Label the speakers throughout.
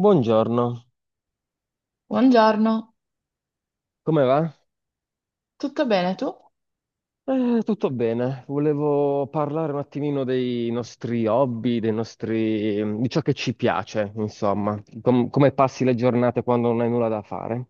Speaker 1: Buongiorno,
Speaker 2: Buongiorno,
Speaker 1: come va?
Speaker 2: tutto bene tu?
Speaker 1: Tutto bene. Volevo parlare un attimino dei nostri hobby, dei nostri di ciò che ci piace, insomma. Come passi le giornate quando non hai nulla da fare?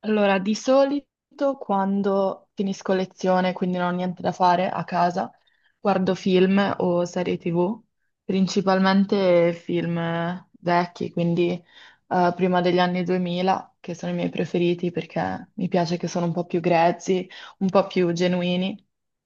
Speaker 2: Allora, di solito quando finisco lezione, quindi non ho niente da fare a casa, guardo film o serie TV, principalmente film vecchi, quindi prima degli anni 2000, che sono i miei preferiti perché mi piace che sono un po' più grezzi, un po' più genuini,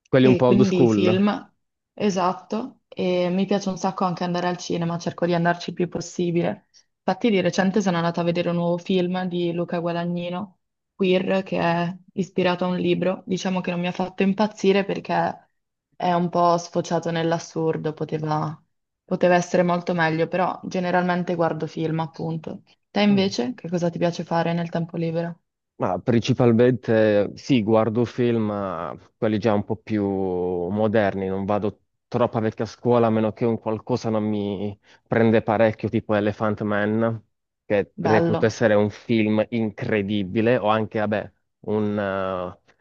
Speaker 1: Quelli un
Speaker 2: e
Speaker 1: po' old
Speaker 2: quindi
Speaker 1: school.
Speaker 2: film, esatto, e mi piace un sacco anche andare al cinema, cerco di andarci il più possibile. Infatti di recente sono andata a vedere un nuovo film di Luca Guadagnino queer che è ispirato a un libro. Diciamo che non mi ha fatto impazzire perché è un po' sfociato nell'assurdo, poteva essere molto meglio, però generalmente guardo film, appunto. Te
Speaker 1: Mm.
Speaker 2: invece, che cosa ti piace fare nel tempo libero?
Speaker 1: Ma principalmente sì, guardo film, ma quelli già un po' più moderni, non vado troppo a vecchia scuola, a meno che un qualcosa non mi prende parecchio, tipo Elephant Man, che reputo
Speaker 2: Bello.
Speaker 1: essere un film incredibile, o anche, vabbè, un, eh,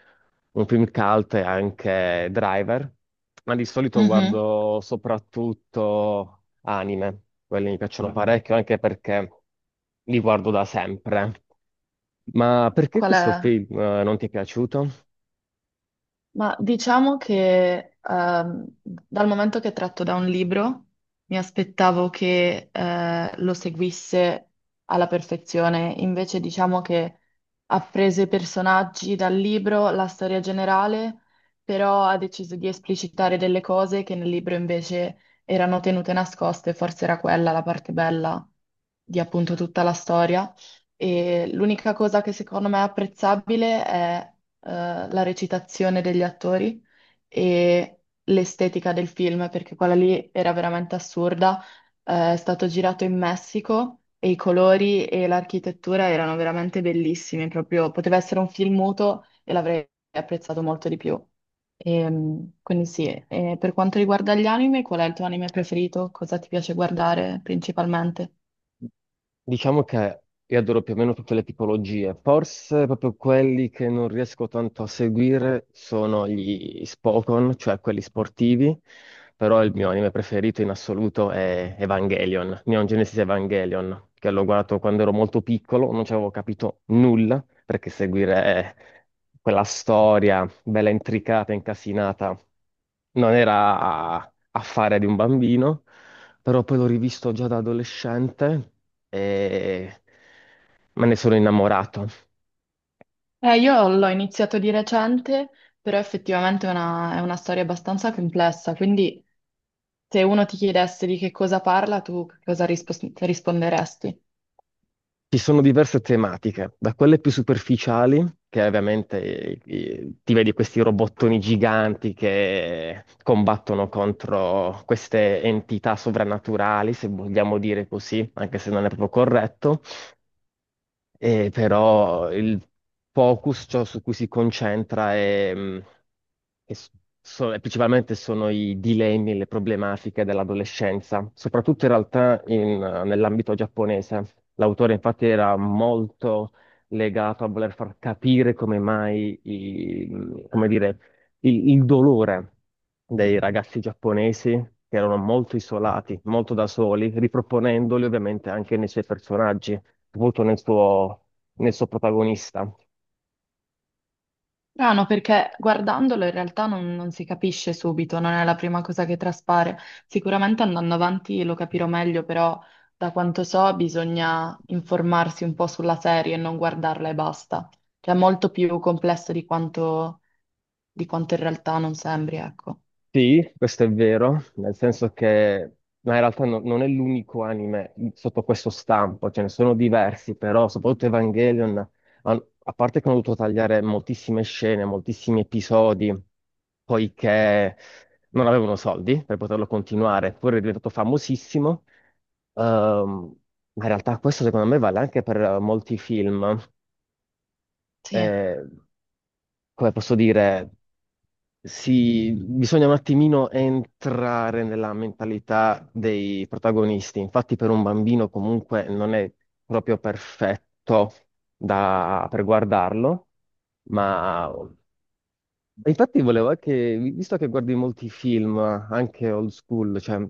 Speaker 1: un film cult e anche Driver, ma di solito
Speaker 2: Mhm.
Speaker 1: guardo soprattutto anime, quelli mi piacciono Ah, parecchio, anche perché li guardo da sempre. Ma perché
Speaker 2: Qual
Speaker 1: questo
Speaker 2: è?
Speaker 1: film non ti è piaciuto?
Speaker 2: Ma diciamo che dal momento che è tratto da un libro, mi aspettavo che lo seguisse alla perfezione. Invece diciamo che ha preso i personaggi dal libro, la storia generale, però ha deciso di esplicitare delle cose che nel libro invece erano tenute nascoste, forse era quella la parte bella di appunto tutta la storia. E l'unica cosa che secondo me è apprezzabile è la recitazione degli attori e l'estetica del film, perché quella lì era veramente assurda. È stato girato in Messico e i colori e l'architettura erano veramente bellissimi, proprio poteva essere un film muto e l'avrei apprezzato molto di più. Quindi sì, e per quanto riguarda gli anime, qual è il tuo anime preferito? Cosa ti piace guardare principalmente?
Speaker 1: Diciamo che io adoro più o meno tutte le tipologie, forse proprio quelli che non riesco tanto a seguire sono gli Spokon, cioè quelli sportivi, però il mio anime preferito in assoluto è Evangelion, Neon Genesis Evangelion, che l'ho guardato quando ero molto piccolo, non ci avevo capito nulla, perché seguire quella storia bella intricata, incasinata, non era affare di un bambino però poi l'ho rivisto già da adolescente e me ne sono innamorato.
Speaker 2: Io l'ho iniziato di recente, però effettivamente è una storia abbastanza complessa, quindi se uno ti chiedesse di che cosa parla, tu che cosa risponderesti?
Speaker 1: Ci sono diverse tematiche, da quelle più superficiali, che ovviamente ti vedi questi robottoni giganti che combattono contro queste entità sovrannaturali, se vogliamo dire così, anche se non è proprio corretto. E però il focus, ciò su cui si concentra è, che s- so- e principalmente sono i dilemmi e le problematiche dell'adolescenza, soprattutto in realtà nell'ambito giapponese. L'autore infatti era molto legato a voler far capire come mai, come dire, il dolore dei ragazzi giapponesi, che erano molto isolati, molto da soli, riproponendoli ovviamente anche nei suoi personaggi molto nel suo protagonista.
Speaker 2: Ah, no, perché guardandolo in realtà non si capisce subito, non è la prima cosa che traspare. Sicuramente andando avanti lo capirò meglio, però da quanto so bisogna informarsi un po' sulla serie e non guardarla e basta. Cioè è molto più complesso di quanto in realtà non sembri, ecco.
Speaker 1: Sì, questo è vero, nel senso che, ma in realtà non è l'unico anime sotto questo stampo, ce ne sono diversi, però soprattutto Evangelion, a parte che hanno dovuto tagliare moltissime scene, moltissimi episodi, poiché non avevano soldi per poterlo continuare, poi è diventato famosissimo. Ehm, ma in realtà questo secondo me vale anche per molti film.
Speaker 2: Sì.
Speaker 1: Eh, Come posso dire? Bisogna un attimino entrare nella mentalità dei protagonisti. Infatti, per un bambino comunque non è proprio perfetto per guardarlo, ma Infatti volevo anche, visto che guardi molti film, anche old school, cioè,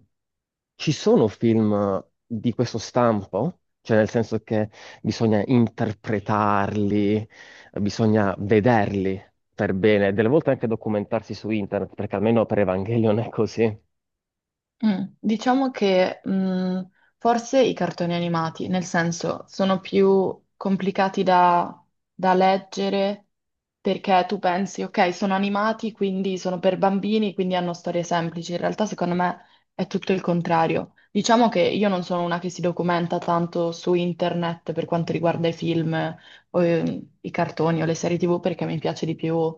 Speaker 1: ci sono film di questo stampo? Cioè, nel senso che bisogna interpretarli, bisogna vederli per bene, delle volte anche documentarsi su internet, perché almeno per Evangelion è così.
Speaker 2: Mm, diciamo che forse i cartoni animati, nel senso, sono più complicati da leggere perché tu pensi, ok, sono animati, quindi sono per bambini, quindi hanno storie semplici. In realtà, secondo me, è tutto il contrario. Diciamo che io non sono una che si documenta tanto su internet per quanto riguarda i film o i cartoni o le serie TV perché mi piace di più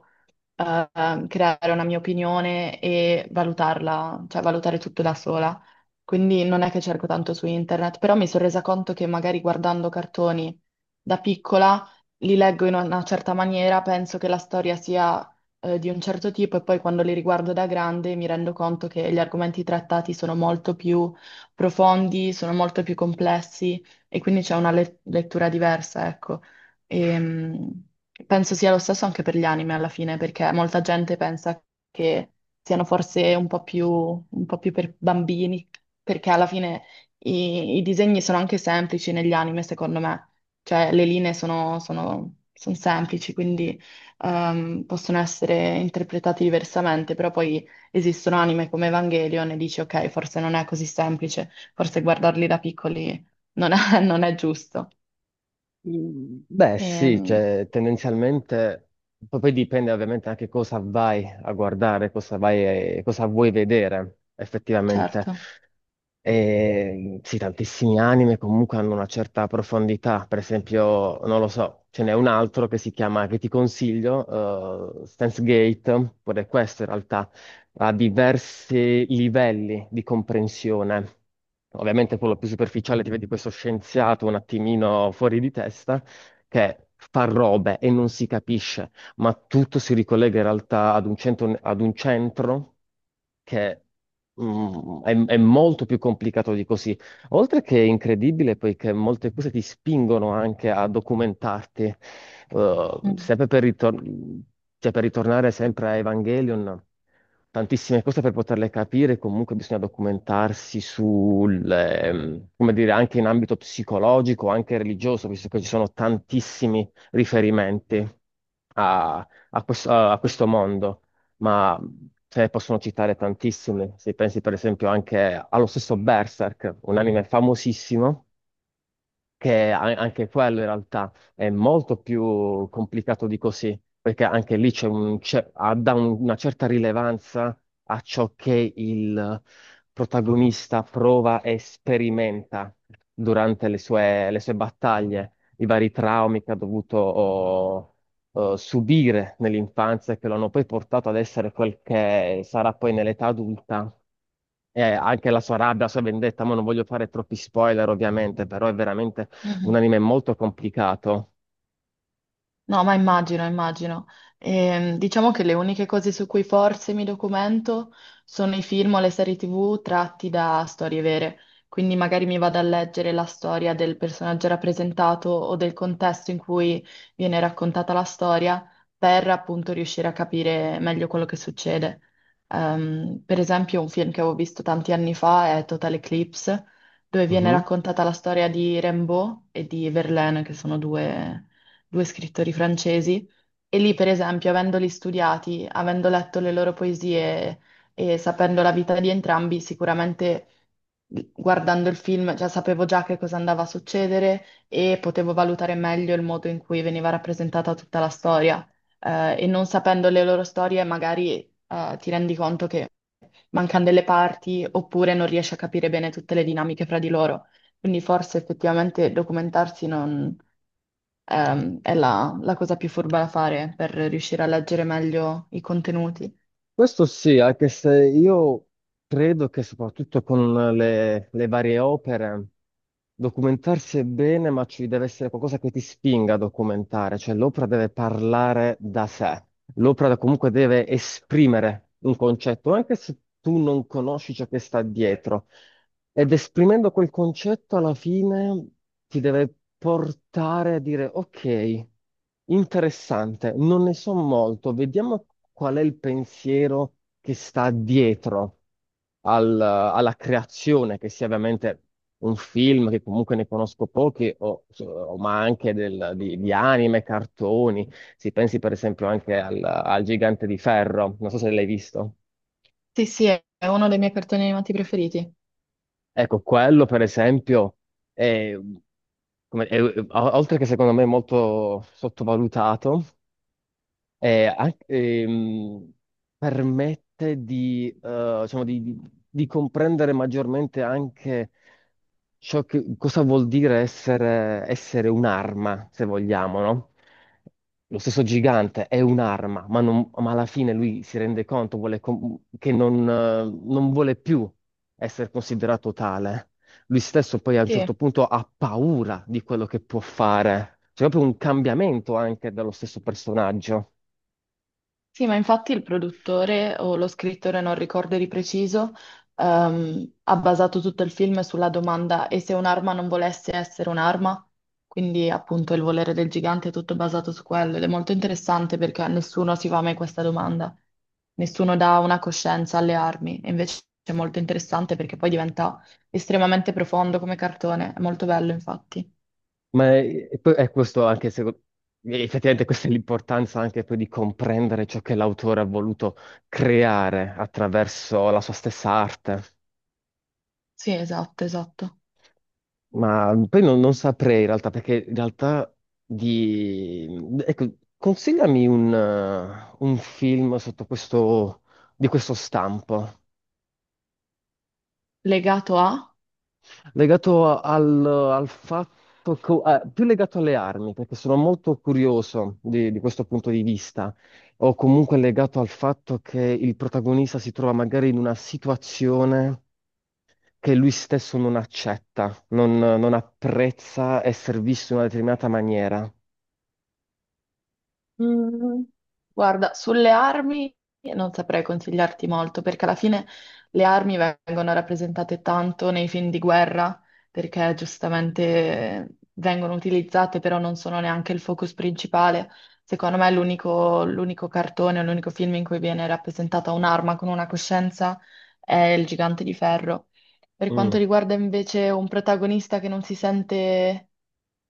Speaker 2: creare una mia opinione e valutarla, cioè valutare tutto da sola. Quindi non è che cerco tanto su internet, però mi sono resa conto che magari guardando cartoni da piccola li leggo in una certa maniera, penso che la storia sia di un certo tipo e poi quando li riguardo da grande mi rendo conto che gli argomenti trattati sono molto più profondi, sono molto più complessi e quindi c'è una lettura diversa, ecco. E, penso sia lo stesso anche per gli anime alla fine, perché molta gente pensa che siano forse un po' più per bambini, perché alla fine i disegni sono anche semplici negli anime, secondo me. Cioè, le linee sono, sono- son semplici, quindi possono essere interpretati diversamente, però poi esistono anime come Evangelion e dici, ok, forse non è così semplice, forse guardarli da piccoli non è, non è giusto.
Speaker 1: Beh, sì,
Speaker 2: Ehm,
Speaker 1: cioè, tendenzialmente poi dipende ovviamente anche cosa vai a guardare, cosa vai, cosa vuoi vedere effettivamente.
Speaker 2: certo.
Speaker 1: E, sì, tantissimi anime comunque hanno una certa profondità, per esempio, non lo so, ce n'è un altro che si chiama, che ti consiglio, Steins Gate, pure questo in realtà ha diversi livelli di comprensione. Ovviamente quello più superficiale ti vedi questo scienziato un attimino fuori di testa, che fa robe e non si capisce, ma tutto si ricollega in realtà ad un centro che mm, è molto più complicato di così. Oltre che è incredibile, poiché molte cose ti spingono anche a documentarti. Eh,
Speaker 2: Mh.
Speaker 1: sempre per, ritor- cioè, per ritornare sempre a Evangelion, tantissime cose per poterle capire, comunque bisogna documentarsi sul, come dire, anche in ambito psicologico, anche religioso, visto che ci sono tantissimi riferimenti a questo mondo ma se ne possono citare tantissime. Se pensi per esempio anche allo stesso Berserk, un anime famosissimo, anche quello in realtà è molto più complicato di così, perché anche lì c'è un, c'è- ha- dà un- una certa rilevanza a ciò che il protagonista prova e sperimenta durante le sue battaglie, i vari traumi che ha o subire nell'infanzia e che lo hanno poi portato ad essere quel che sarà poi nell'età adulta. E anche la sua rabbia, la sua vendetta, ma non voglio fare troppi spoiler ovviamente, però è veramente un
Speaker 2: Mh-mh.
Speaker 1: anime molto complicato.
Speaker 2: No, ma immagino, immagino. Diciamo che le uniche cose su cui forse mi documento sono i film o le serie TV tratti da storie vere. Quindi magari mi vado a leggere la storia del personaggio rappresentato o del contesto in cui viene raccontata la storia per appunto riuscire a capire meglio quello che succede. Per esempio, un film che avevo visto tanti anni fa è Total Eclipse, dove viene
Speaker 1: Mhm.
Speaker 2: raccontata la storia di Rimbaud e di Verlaine, che sono due scrittori francesi, e lì, per esempio, avendoli studiati, avendo letto le loro poesie e sapendo la vita di entrambi, sicuramente guardando il film, già sapevo già che cosa andava a succedere e potevo valutare meglio il modo in cui veniva rappresentata tutta la storia. E non sapendo le loro storie, magari, ti rendi conto che mancano delle parti oppure non riesci a capire bene tutte le dinamiche fra di loro. Quindi forse effettivamente documentarsi non è la cosa più furba da fare per riuscire a leggere meglio i contenuti.
Speaker 1: Questo sì, anche se io Credo che soprattutto con le varie opere documentarsi è bene, ma ci deve essere qualcosa che ti spinga a documentare, cioè l'opera deve parlare da sé, l'opera comunque deve esprimere un concetto, anche se tu non conosci ciò che sta dietro. Ed esprimendo quel concetto alla fine ti deve portare a dire ok, interessante, non ne so molto, vediamo qual è il pensiero che sta dietro alla creazione, che sia ovviamente un film che comunque ne conosco pochi, ma anche di anime, cartoni. Si pensi per esempio anche al Gigante di Ferro, non so se l'hai visto.
Speaker 2: Sì, sì, è uno dei miei cartoni animati preferiti.
Speaker 1: Ecco, quello per esempio è, come- è- o- oltre che secondo me molto sottovalutato, è anche permette di, diciamo, di comprendere maggiormente anche cosa vuol dire essere, essere un'arma, se vogliamo, no? Lo stesso gigante è un'arma, ma, ma alla fine lui si rende conto vuole che non non vuole più essere considerato tale. Lui stesso poi a un certo
Speaker 2: Sì.
Speaker 1: punto ha paura di quello che può fare. C'è proprio un cambiamento anche dallo stesso personaggio.
Speaker 2: Sì, ma infatti il produttore o lo scrittore, non ricordo di preciso, ha basato tutto il film sulla domanda e se un'arma non volesse essere un'arma? Quindi appunto il volere del gigante è tutto basato su quello ed è molto interessante perché a nessuno si fa mai questa domanda, nessuno dà una coscienza alle armi e invece è molto interessante perché poi diventa estremamente profondo come cartone, è molto bello infatti.
Speaker 1: Ma è è questo anche se effettivamente questa è l'importanza anche poi di comprendere ciò che l'autore ha voluto creare attraverso la sua stessa arte.
Speaker 2: Sì, esatto, esatto.
Speaker 1: Ma poi non saprei in realtà, perché in realtà di Ecco, consigliami un film sotto questo, di questo stampo.
Speaker 2: Legato a?
Speaker 1: Legato al fatto, più legato alle armi, perché sono molto curioso di questo punto di vista, o comunque legato al fatto che il protagonista si trova magari in una situazione che lui stesso non accetta, non apprezza essere visto in una determinata maniera.
Speaker 2: Mm, guarda, sulle armi non saprei consigliarti molto perché alla fine le armi vengono rappresentate tanto nei film di guerra perché giustamente vengono utilizzate, però non sono neanche il focus principale. Secondo me l'unico cartone, l'unico film in cui viene rappresentata un'arma con una coscienza è Il Gigante di Ferro. Per
Speaker 1: Mm.
Speaker 2: quanto riguarda invece un protagonista che non si sente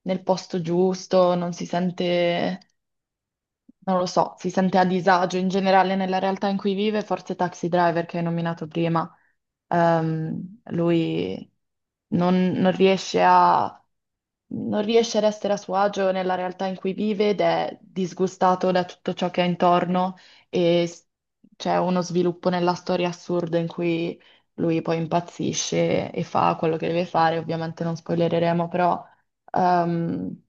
Speaker 2: nel posto giusto, non si sente non lo so, si sente a disagio in generale nella realtà in cui vive, forse Taxi Driver che hai nominato prima, lui non riesce a non riesce ad essere a suo agio nella realtà in cui vive ed è disgustato da tutto ciò che ha intorno e s- c'è uno sviluppo nella storia assurda in cui lui poi impazzisce e fa quello che deve fare. Ovviamente non spoilereremo, però ehm,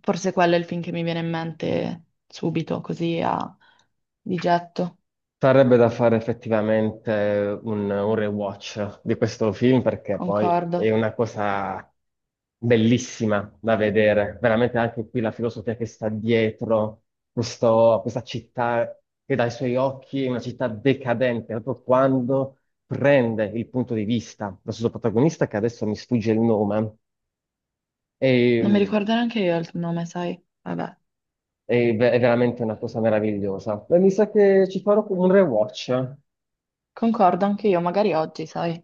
Speaker 2: forse quello è il film che mi viene in mente subito, così a di getto.
Speaker 1: Sarebbe da fare effettivamente un rewatch di questo film perché poi
Speaker 2: Concordo.
Speaker 1: è una cosa bellissima da vedere. Veramente anche qui la filosofia che sta dietro questa città che dai suoi occhi è una città decadente, proprio quando prende il punto di vista del suo protagonista, che adesso mi sfugge il nome, è,
Speaker 2: Non mi ricordo neanche io il nome, sai? Vabbè.
Speaker 1: è è veramente una cosa meravigliosa. E mi sa che ci farò un rewatch.
Speaker 2: Concordo anche io, magari oggi, sai?